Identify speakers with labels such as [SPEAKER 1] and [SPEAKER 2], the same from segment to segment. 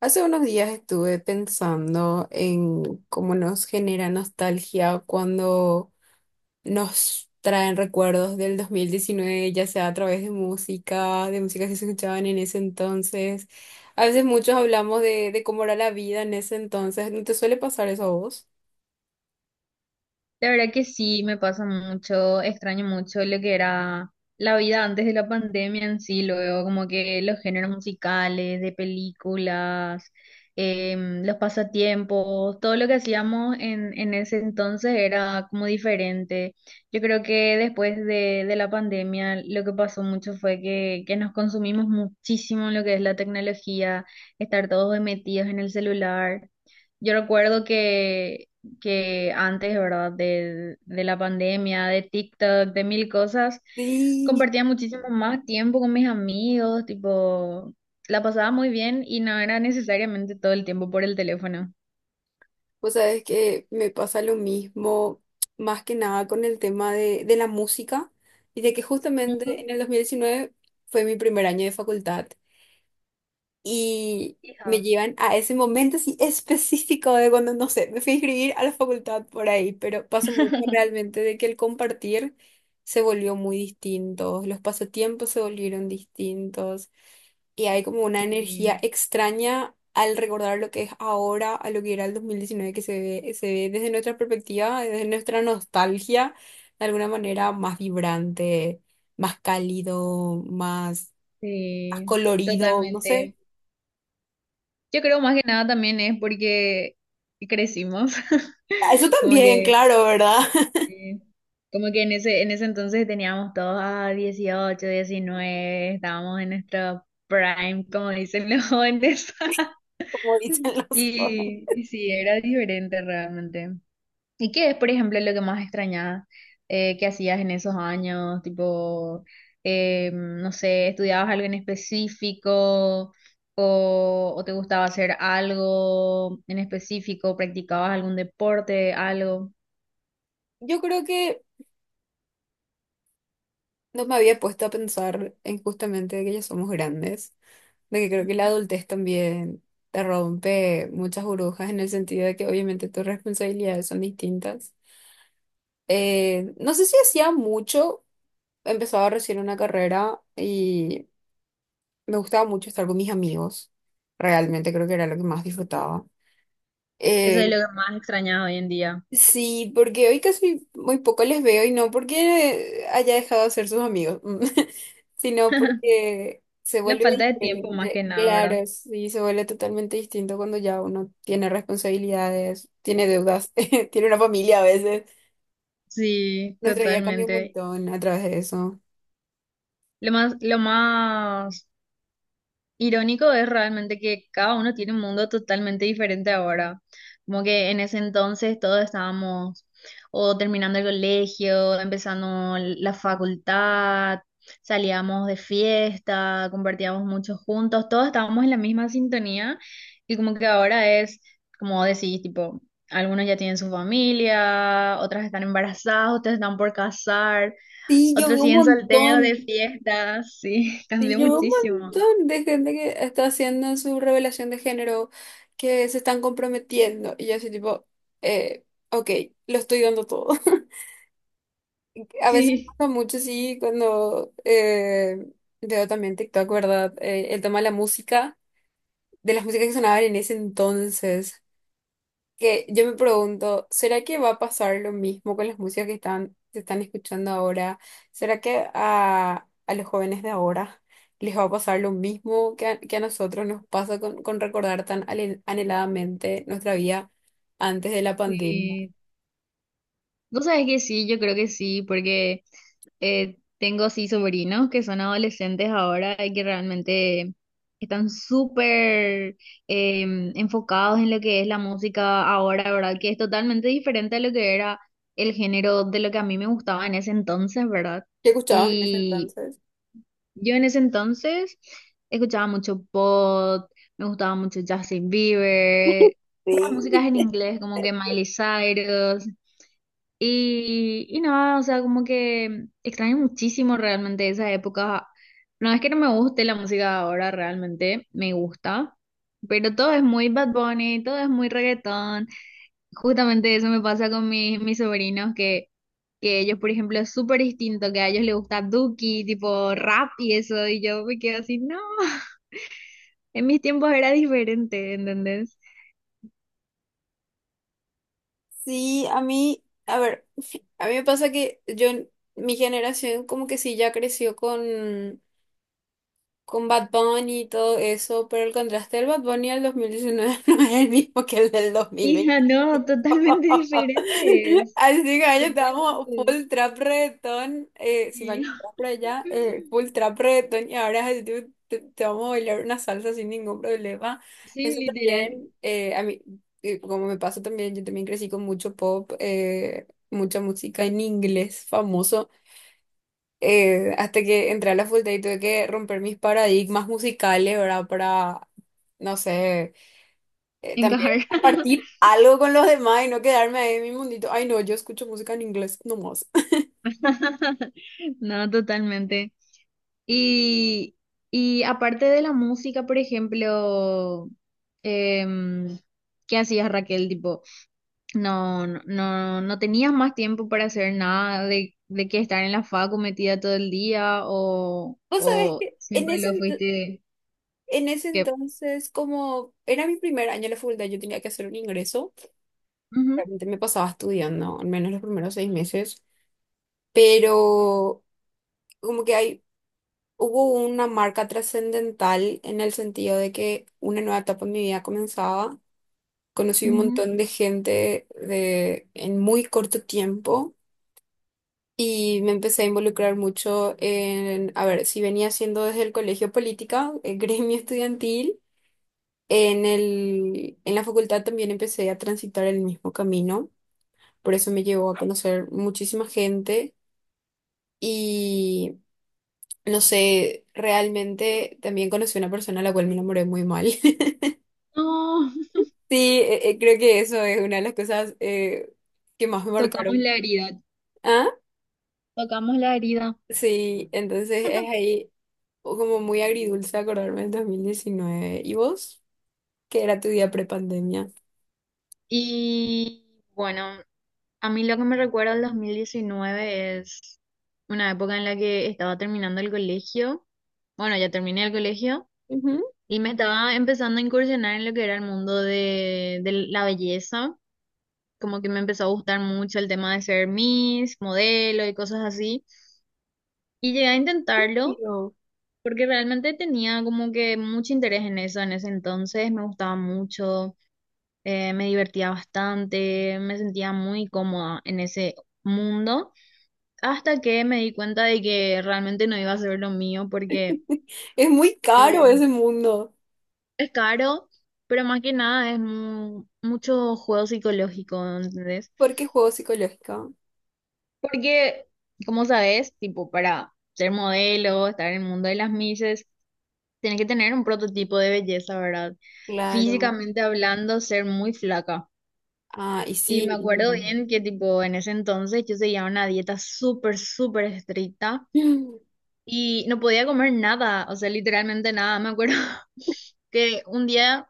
[SPEAKER 1] Hace unos días estuve pensando en cómo nos genera nostalgia cuando nos traen recuerdos del 2019, ya sea a través de música que se escuchaban en ese entonces. A veces muchos hablamos de cómo era la vida en ese entonces. ¿No te suele pasar eso a vos?
[SPEAKER 2] La verdad que sí, me pasa mucho, extraño mucho lo que era la vida antes de la pandemia en sí, luego como que los géneros musicales, de películas, los pasatiempos, todo lo que hacíamos en ese entonces era como diferente. Yo creo que después de la pandemia lo que pasó mucho fue que nos consumimos muchísimo en lo que es la tecnología, estar todos metidos en el celular. Yo recuerdo que antes, ¿verdad? De la pandemia, de TikTok, de mil cosas,
[SPEAKER 1] Sí,
[SPEAKER 2] compartía muchísimo más tiempo con mis amigos, tipo, la pasaba muy bien y no era necesariamente todo el tiempo por el teléfono.
[SPEAKER 1] vos sabés que me pasa lo mismo, más que nada con el tema de la música y de que justamente
[SPEAKER 2] Ujú.
[SPEAKER 1] en el 2019 fue mi primer año de facultad. Y me
[SPEAKER 2] Hija,
[SPEAKER 1] llevan a ese momento así específico de cuando, no sé, me fui a inscribir a la facultad por ahí, pero pasó mucho realmente de que el compartir se volvió muy distinto, los pasatiempos se volvieron distintos y hay como una energía
[SPEAKER 2] sí,
[SPEAKER 1] extraña al recordar lo que es ahora a lo que era el dos mil diecinueve, que se ve desde nuestra perspectiva, desde nuestra nostalgia, de alguna manera más vibrante, más cálido, más, más
[SPEAKER 2] sí,
[SPEAKER 1] colorido, no sé.
[SPEAKER 2] totalmente. Yo creo más que nada también es porque crecimos,
[SPEAKER 1] Eso
[SPEAKER 2] como
[SPEAKER 1] también,
[SPEAKER 2] que
[SPEAKER 1] claro, ¿verdad?
[SPEAKER 2] sí. Como que en ese entonces teníamos todos a 18 diecinueve, estábamos en nuestro prime, como dicen los jóvenes.
[SPEAKER 1] Como dicen los otros.
[SPEAKER 2] Y, y sí, era diferente realmente. ¿Y qué es, por ejemplo, lo que más extrañabas que hacías en esos años? Tipo, no sé, ¿estudiabas algo en específico o te gustaba hacer algo en específico? ¿Practicabas algún deporte, algo?
[SPEAKER 1] Yo creo que no me había puesto a pensar en justamente de que ya somos grandes, de que creo que la adultez también te rompe muchas burbujas en el sentido de que obviamente tus responsabilidades son distintas. No sé si hacía mucho, empezaba recién una carrera y me gustaba mucho estar con mis amigos. Realmente creo que era lo que más disfrutaba.
[SPEAKER 2] Eso es
[SPEAKER 1] Eh,
[SPEAKER 2] lo que más extrañas hoy en día.
[SPEAKER 1] Sí, porque hoy casi muy poco les veo y no porque haya dejado de ser sus amigos, sino porque se
[SPEAKER 2] La
[SPEAKER 1] vuelve
[SPEAKER 2] falta de tiempo más
[SPEAKER 1] diferente.
[SPEAKER 2] que nada, ¿verdad?
[SPEAKER 1] Claro, sí, se vuelve totalmente distinto cuando ya uno tiene responsabilidades, tiene deudas, tiene una familia a veces.
[SPEAKER 2] Sí,
[SPEAKER 1] Nuestra vida cambia un
[SPEAKER 2] totalmente.
[SPEAKER 1] montón a través de eso.
[SPEAKER 2] Lo más irónico es realmente que cada uno tiene un mundo totalmente diferente ahora. Como que en ese entonces todos estábamos o terminando el colegio, empezando la facultad, salíamos de fiesta, compartíamos mucho juntos, todos estábamos en la misma sintonía y como que ahora es, como decís, tipo, algunos ya tienen su familia, otras están embarazadas, otras están por casar,
[SPEAKER 1] Sí, yo
[SPEAKER 2] otros
[SPEAKER 1] veo un
[SPEAKER 2] siguen solteros de
[SPEAKER 1] montón.
[SPEAKER 2] fiesta, sí,
[SPEAKER 1] Y
[SPEAKER 2] cambió
[SPEAKER 1] yo veo un
[SPEAKER 2] muchísimo.
[SPEAKER 1] montón de gente que está haciendo su revelación de género, que se están comprometiendo. Y yo así tipo, eh, ok, lo estoy dando todo. A veces me
[SPEAKER 2] Sí.
[SPEAKER 1] pasa mucho, sí, cuando veo también TikTok, ¿verdad? El tema de la música, de las músicas que sonaban en ese entonces, que yo me pregunto, ¿será que va a pasar lo mismo con las músicas se están escuchando ahora? ¿Será que a los jóvenes de ahora les va a pasar lo mismo que que a nosotros nos pasa con recordar tan anheladamente nuestra vida antes de la pandemia?
[SPEAKER 2] Sí. Vos sabés que sí, yo creo que sí, porque tengo sí sobrinos que son adolescentes ahora y que realmente están súper eh, enfocados en lo que es la música ahora, ¿verdad? Que es totalmente diferente a lo que era el género de lo que a mí me gustaba en ese entonces, ¿verdad?
[SPEAKER 1] ¿Qué escuchabas en ese
[SPEAKER 2] Y
[SPEAKER 1] entonces?
[SPEAKER 2] yo en ese entonces escuchaba mucho pop, me gustaba mucho Justin Bieber, puras músicas
[SPEAKER 1] Sí.
[SPEAKER 2] en inglés como que Miley Cyrus. Y nada, o sea, como que extraño muchísimo realmente esa época. No es que no me guste la música ahora, realmente me gusta, pero todo es muy Bad Bunny, todo es muy reggaetón. Justamente eso me pasa con mis, mis sobrinos, que ellos, por ejemplo, es súper distinto, que a ellos les gusta Duki, tipo rap y eso, y yo me quedo así, no, en mis tiempos era diferente, ¿entendés?
[SPEAKER 1] Sí, a mí, a ver, a mí me pasa que yo, mi generación como que sí ya creció con Bad Bunny y todo eso, pero el contraste del Bad Bunny del 2019 no es el mismo que el del 2020.
[SPEAKER 2] Hija, no, totalmente diferentes,
[SPEAKER 1] Así que año estábamos
[SPEAKER 2] totalmente.
[SPEAKER 1] full trap reggaetón, cinco
[SPEAKER 2] Sí.
[SPEAKER 1] años atrás por allá, full trap reggaetón y ahora es así, tipo, te vamos a bailar una salsa sin ningún problema.
[SPEAKER 2] Sí,
[SPEAKER 1] Eso
[SPEAKER 2] literal,
[SPEAKER 1] también, como me pasó también, yo también crecí con mucho pop, mucha música en inglés famoso, hasta que entré a la facultad y tuve que romper mis paradigmas musicales, ¿verdad? Para, no sé, también
[SPEAKER 2] encajar.
[SPEAKER 1] compartir algo con los demás y no quedarme ahí en mi mundito. Ay, no, yo escucho música en inglés nomás.
[SPEAKER 2] No, totalmente. Y, y aparte de la música, por ejemplo, em, ¿qué hacías, Raquel? Tipo, no tenías más tiempo para hacer nada de, de que estar en la facu metida todo el día
[SPEAKER 1] Vos sabés
[SPEAKER 2] o
[SPEAKER 1] que
[SPEAKER 2] siempre lo fuiste
[SPEAKER 1] en ese
[SPEAKER 2] que...
[SPEAKER 1] entonces, como era mi primer año en la facultad, yo tenía que hacer un ingreso.
[SPEAKER 2] Ujú,
[SPEAKER 1] Realmente me pasaba estudiando, al menos los primeros seis meses, pero como que hay, hubo una marca trascendental en el sentido de que una nueva etapa en mi vida comenzaba, conocí un
[SPEAKER 2] ujú.
[SPEAKER 1] montón de gente en muy corto tiempo y me empecé a involucrar mucho en, a ver, si venía haciendo desde el colegio política, el gremio estudiantil, en la facultad también empecé a transitar el mismo camino, por eso me llevó a conocer muchísima gente y... No sé, realmente también conocí una persona a la cual me enamoré muy mal.
[SPEAKER 2] No,
[SPEAKER 1] Sí, creo que eso es una de las cosas que más me
[SPEAKER 2] tocamos
[SPEAKER 1] marcaron.
[SPEAKER 2] la herida, tocamos la herida.
[SPEAKER 1] Sí, entonces es ahí como muy agridulce acordarme del 2019. ¿Y vos? ¿Qué era tu día prepandemia?
[SPEAKER 2] Y bueno. A mí lo que me recuerda al 2019 es una época en la que estaba terminando el colegio. Bueno, ya terminé el colegio
[SPEAKER 1] Ujú,
[SPEAKER 2] y me estaba empezando a incursionar en lo que era el mundo de la belleza. Como que me empezó a gustar mucho el tema de ser Miss, modelo y cosas así. Y llegué a intentarlo
[SPEAKER 1] digo,
[SPEAKER 2] porque realmente tenía como que mucho interés en eso en ese entonces. Me gustaba mucho, me divertía bastante, me sentía muy cómoda en ese mundo. Hasta que me di cuenta de que realmente no iba a ser lo mío porque
[SPEAKER 1] es muy caro
[SPEAKER 2] eh,
[SPEAKER 1] ese mundo.
[SPEAKER 2] es caro, pero más que nada es mucho juego psicológico, ¿entendés?
[SPEAKER 1] ¿Por qué juego psicológico?
[SPEAKER 2] Porque, como sabes, tipo, para ser modelo, estar en el mundo de las misses tienes que tener un prototipo de belleza, ¿verdad?
[SPEAKER 1] Claro.
[SPEAKER 2] Físicamente hablando, ser muy flaca.
[SPEAKER 1] Ah, y
[SPEAKER 2] Y
[SPEAKER 1] sí.
[SPEAKER 2] me acuerdo bien que, tipo, en ese entonces yo seguía una dieta súper, súper estricta. Y no podía comer nada, o sea, literalmente nada. Me acuerdo que un día,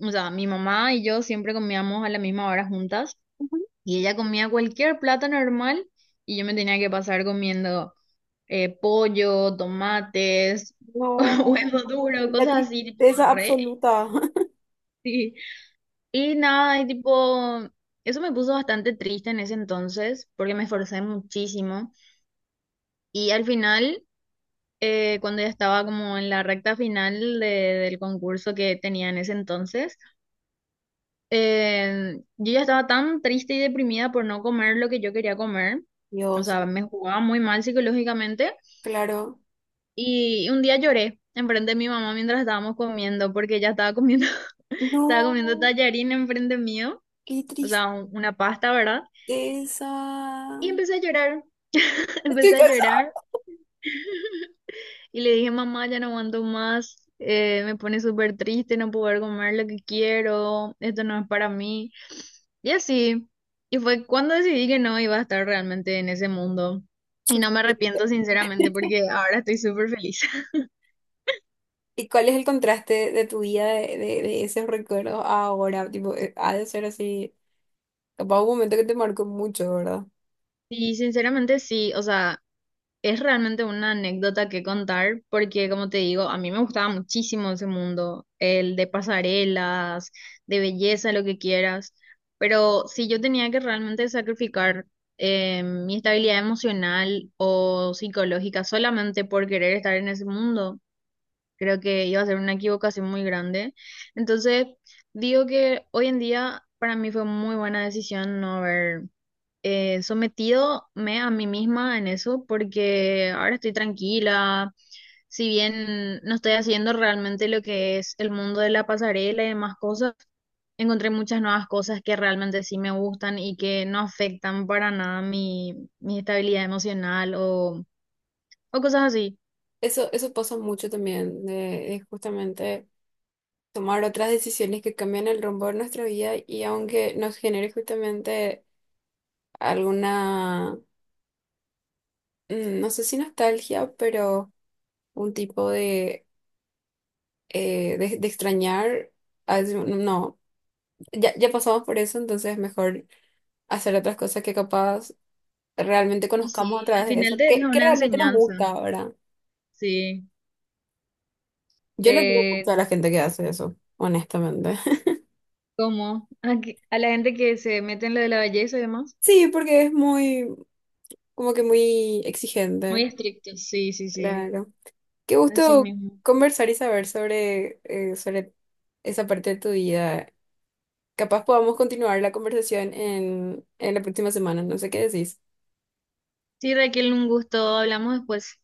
[SPEAKER 2] o sea, mi mamá y yo siempre comíamos a la misma hora juntas
[SPEAKER 1] Ujú.
[SPEAKER 2] y ella comía cualquier plato normal y yo me tenía que pasar comiendo pollo, tomates,
[SPEAKER 1] No,
[SPEAKER 2] huevo duro,
[SPEAKER 1] la
[SPEAKER 2] cosas así, tipo
[SPEAKER 1] tristeza
[SPEAKER 2] re.
[SPEAKER 1] absoluta.
[SPEAKER 2] Sí. Y nada, y tipo, eso me puso bastante triste en ese entonces porque me esforcé muchísimo y al final... cuando ya estaba como en la recta final del concurso que tenía en ese entonces, yo ya estaba tan triste y deprimida por no comer lo que yo quería comer. O
[SPEAKER 1] Dios,
[SPEAKER 2] sea, me jugaba muy mal psicológicamente
[SPEAKER 1] claro.
[SPEAKER 2] y un día lloré enfrente de mi mamá mientras estábamos comiendo porque ella estaba comiendo, estaba comiendo
[SPEAKER 1] No,
[SPEAKER 2] tallarín enfrente mío,
[SPEAKER 1] qué
[SPEAKER 2] o
[SPEAKER 1] tristeza.
[SPEAKER 2] sea, una pasta, ¿verdad? Y empecé a llorar,
[SPEAKER 1] Estoy
[SPEAKER 2] empecé a
[SPEAKER 1] cansada.
[SPEAKER 2] llorar. Y le dije, mamá, ya no aguanto más, me pone súper triste no poder comer lo que quiero, esto no es para mí. Y así. Y fue cuando decidí que no iba a estar realmente en ese mundo. Y no me arrepiento
[SPEAKER 1] Suficiente.
[SPEAKER 2] sinceramente porque ahora estoy súper feliz.
[SPEAKER 1] ¿Y cuál es el contraste de tu vida de esos recuerdos a ahora? Tipo, ha de ser así, capaz un momento que te marcó mucho, ¿verdad?
[SPEAKER 2] Y sinceramente sí, o sea, es realmente una anécdota que contar porque, como te digo, a mí me gustaba muchísimo ese mundo, el de pasarelas, de belleza, lo que quieras, pero si yo tenía que realmente sacrificar mi estabilidad emocional o psicológica solamente por querer estar en ese mundo, creo que iba a ser una equivocación muy grande. Entonces, digo que hoy en día para mí fue muy buena decisión no haber sometido me a mí misma en eso porque ahora estoy tranquila, si bien no estoy haciendo realmente lo que es el mundo de la pasarela y demás cosas, encontré muchas nuevas cosas que realmente sí me gustan y que no afectan para nada mi, mi estabilidad emocional o cosas así.
[SPEAKER 1] Eso pasa mucho también, de justamente tomar otras decisiones que cambian el rumbo de nuestra vida, y aunque nos genere justamente alguna, mm, no sé si nostalgia, pero un tipo de, de extrañar, veces, no, ya pasamos por eso, entonces es mejor hacer otras cosas que capaz realmente
[SPEAKER 2] Y
[SPEAKER 1] conozcamos a
[SPEAKER 2] sí, al
[SPEAKER 1] través de
[SPEAKER 2] final
[SPEAKER 1] eso,
[SPEAKER 2] te deja
[SPEAKER 1] que
[SPEAKER 2] una
[SPEAKER 1] realmente nos
[SPEAKER 2] enseñanza,
[SPEAKER 1] gusta, verdad.
[SPEAKER 2] sí,
[SPEAKER 1] Yo le tengo gusto
[SPEAKER 2] te
[SPEAKER 1] a la gente que hace eso, honestamente.
[SPEAKER 2] como a, a la gente que se mete en lo de la belleza y demás,
[SPEAKER 1] Sí, porque es muy, como que muy
[SPEAKER 2] muy
[SPEAKER 1] exigente.
[SPEAKER 2] estricto sí, sí, sí,
[SPEAKER 1] Claro. Qué
[SPEAKER 2] así
[SPEAKER 1] gusto
[SPEAKER 2] mismo.
[SPEAKER 1] conversar y saber sobre, sobre esa parte de tu vida. Capaz podamos continuar la conversación en la próxima semana, no sé qué decís.
[SPEAKER 2] Sí, Raquel, un gusto. Hablamos después.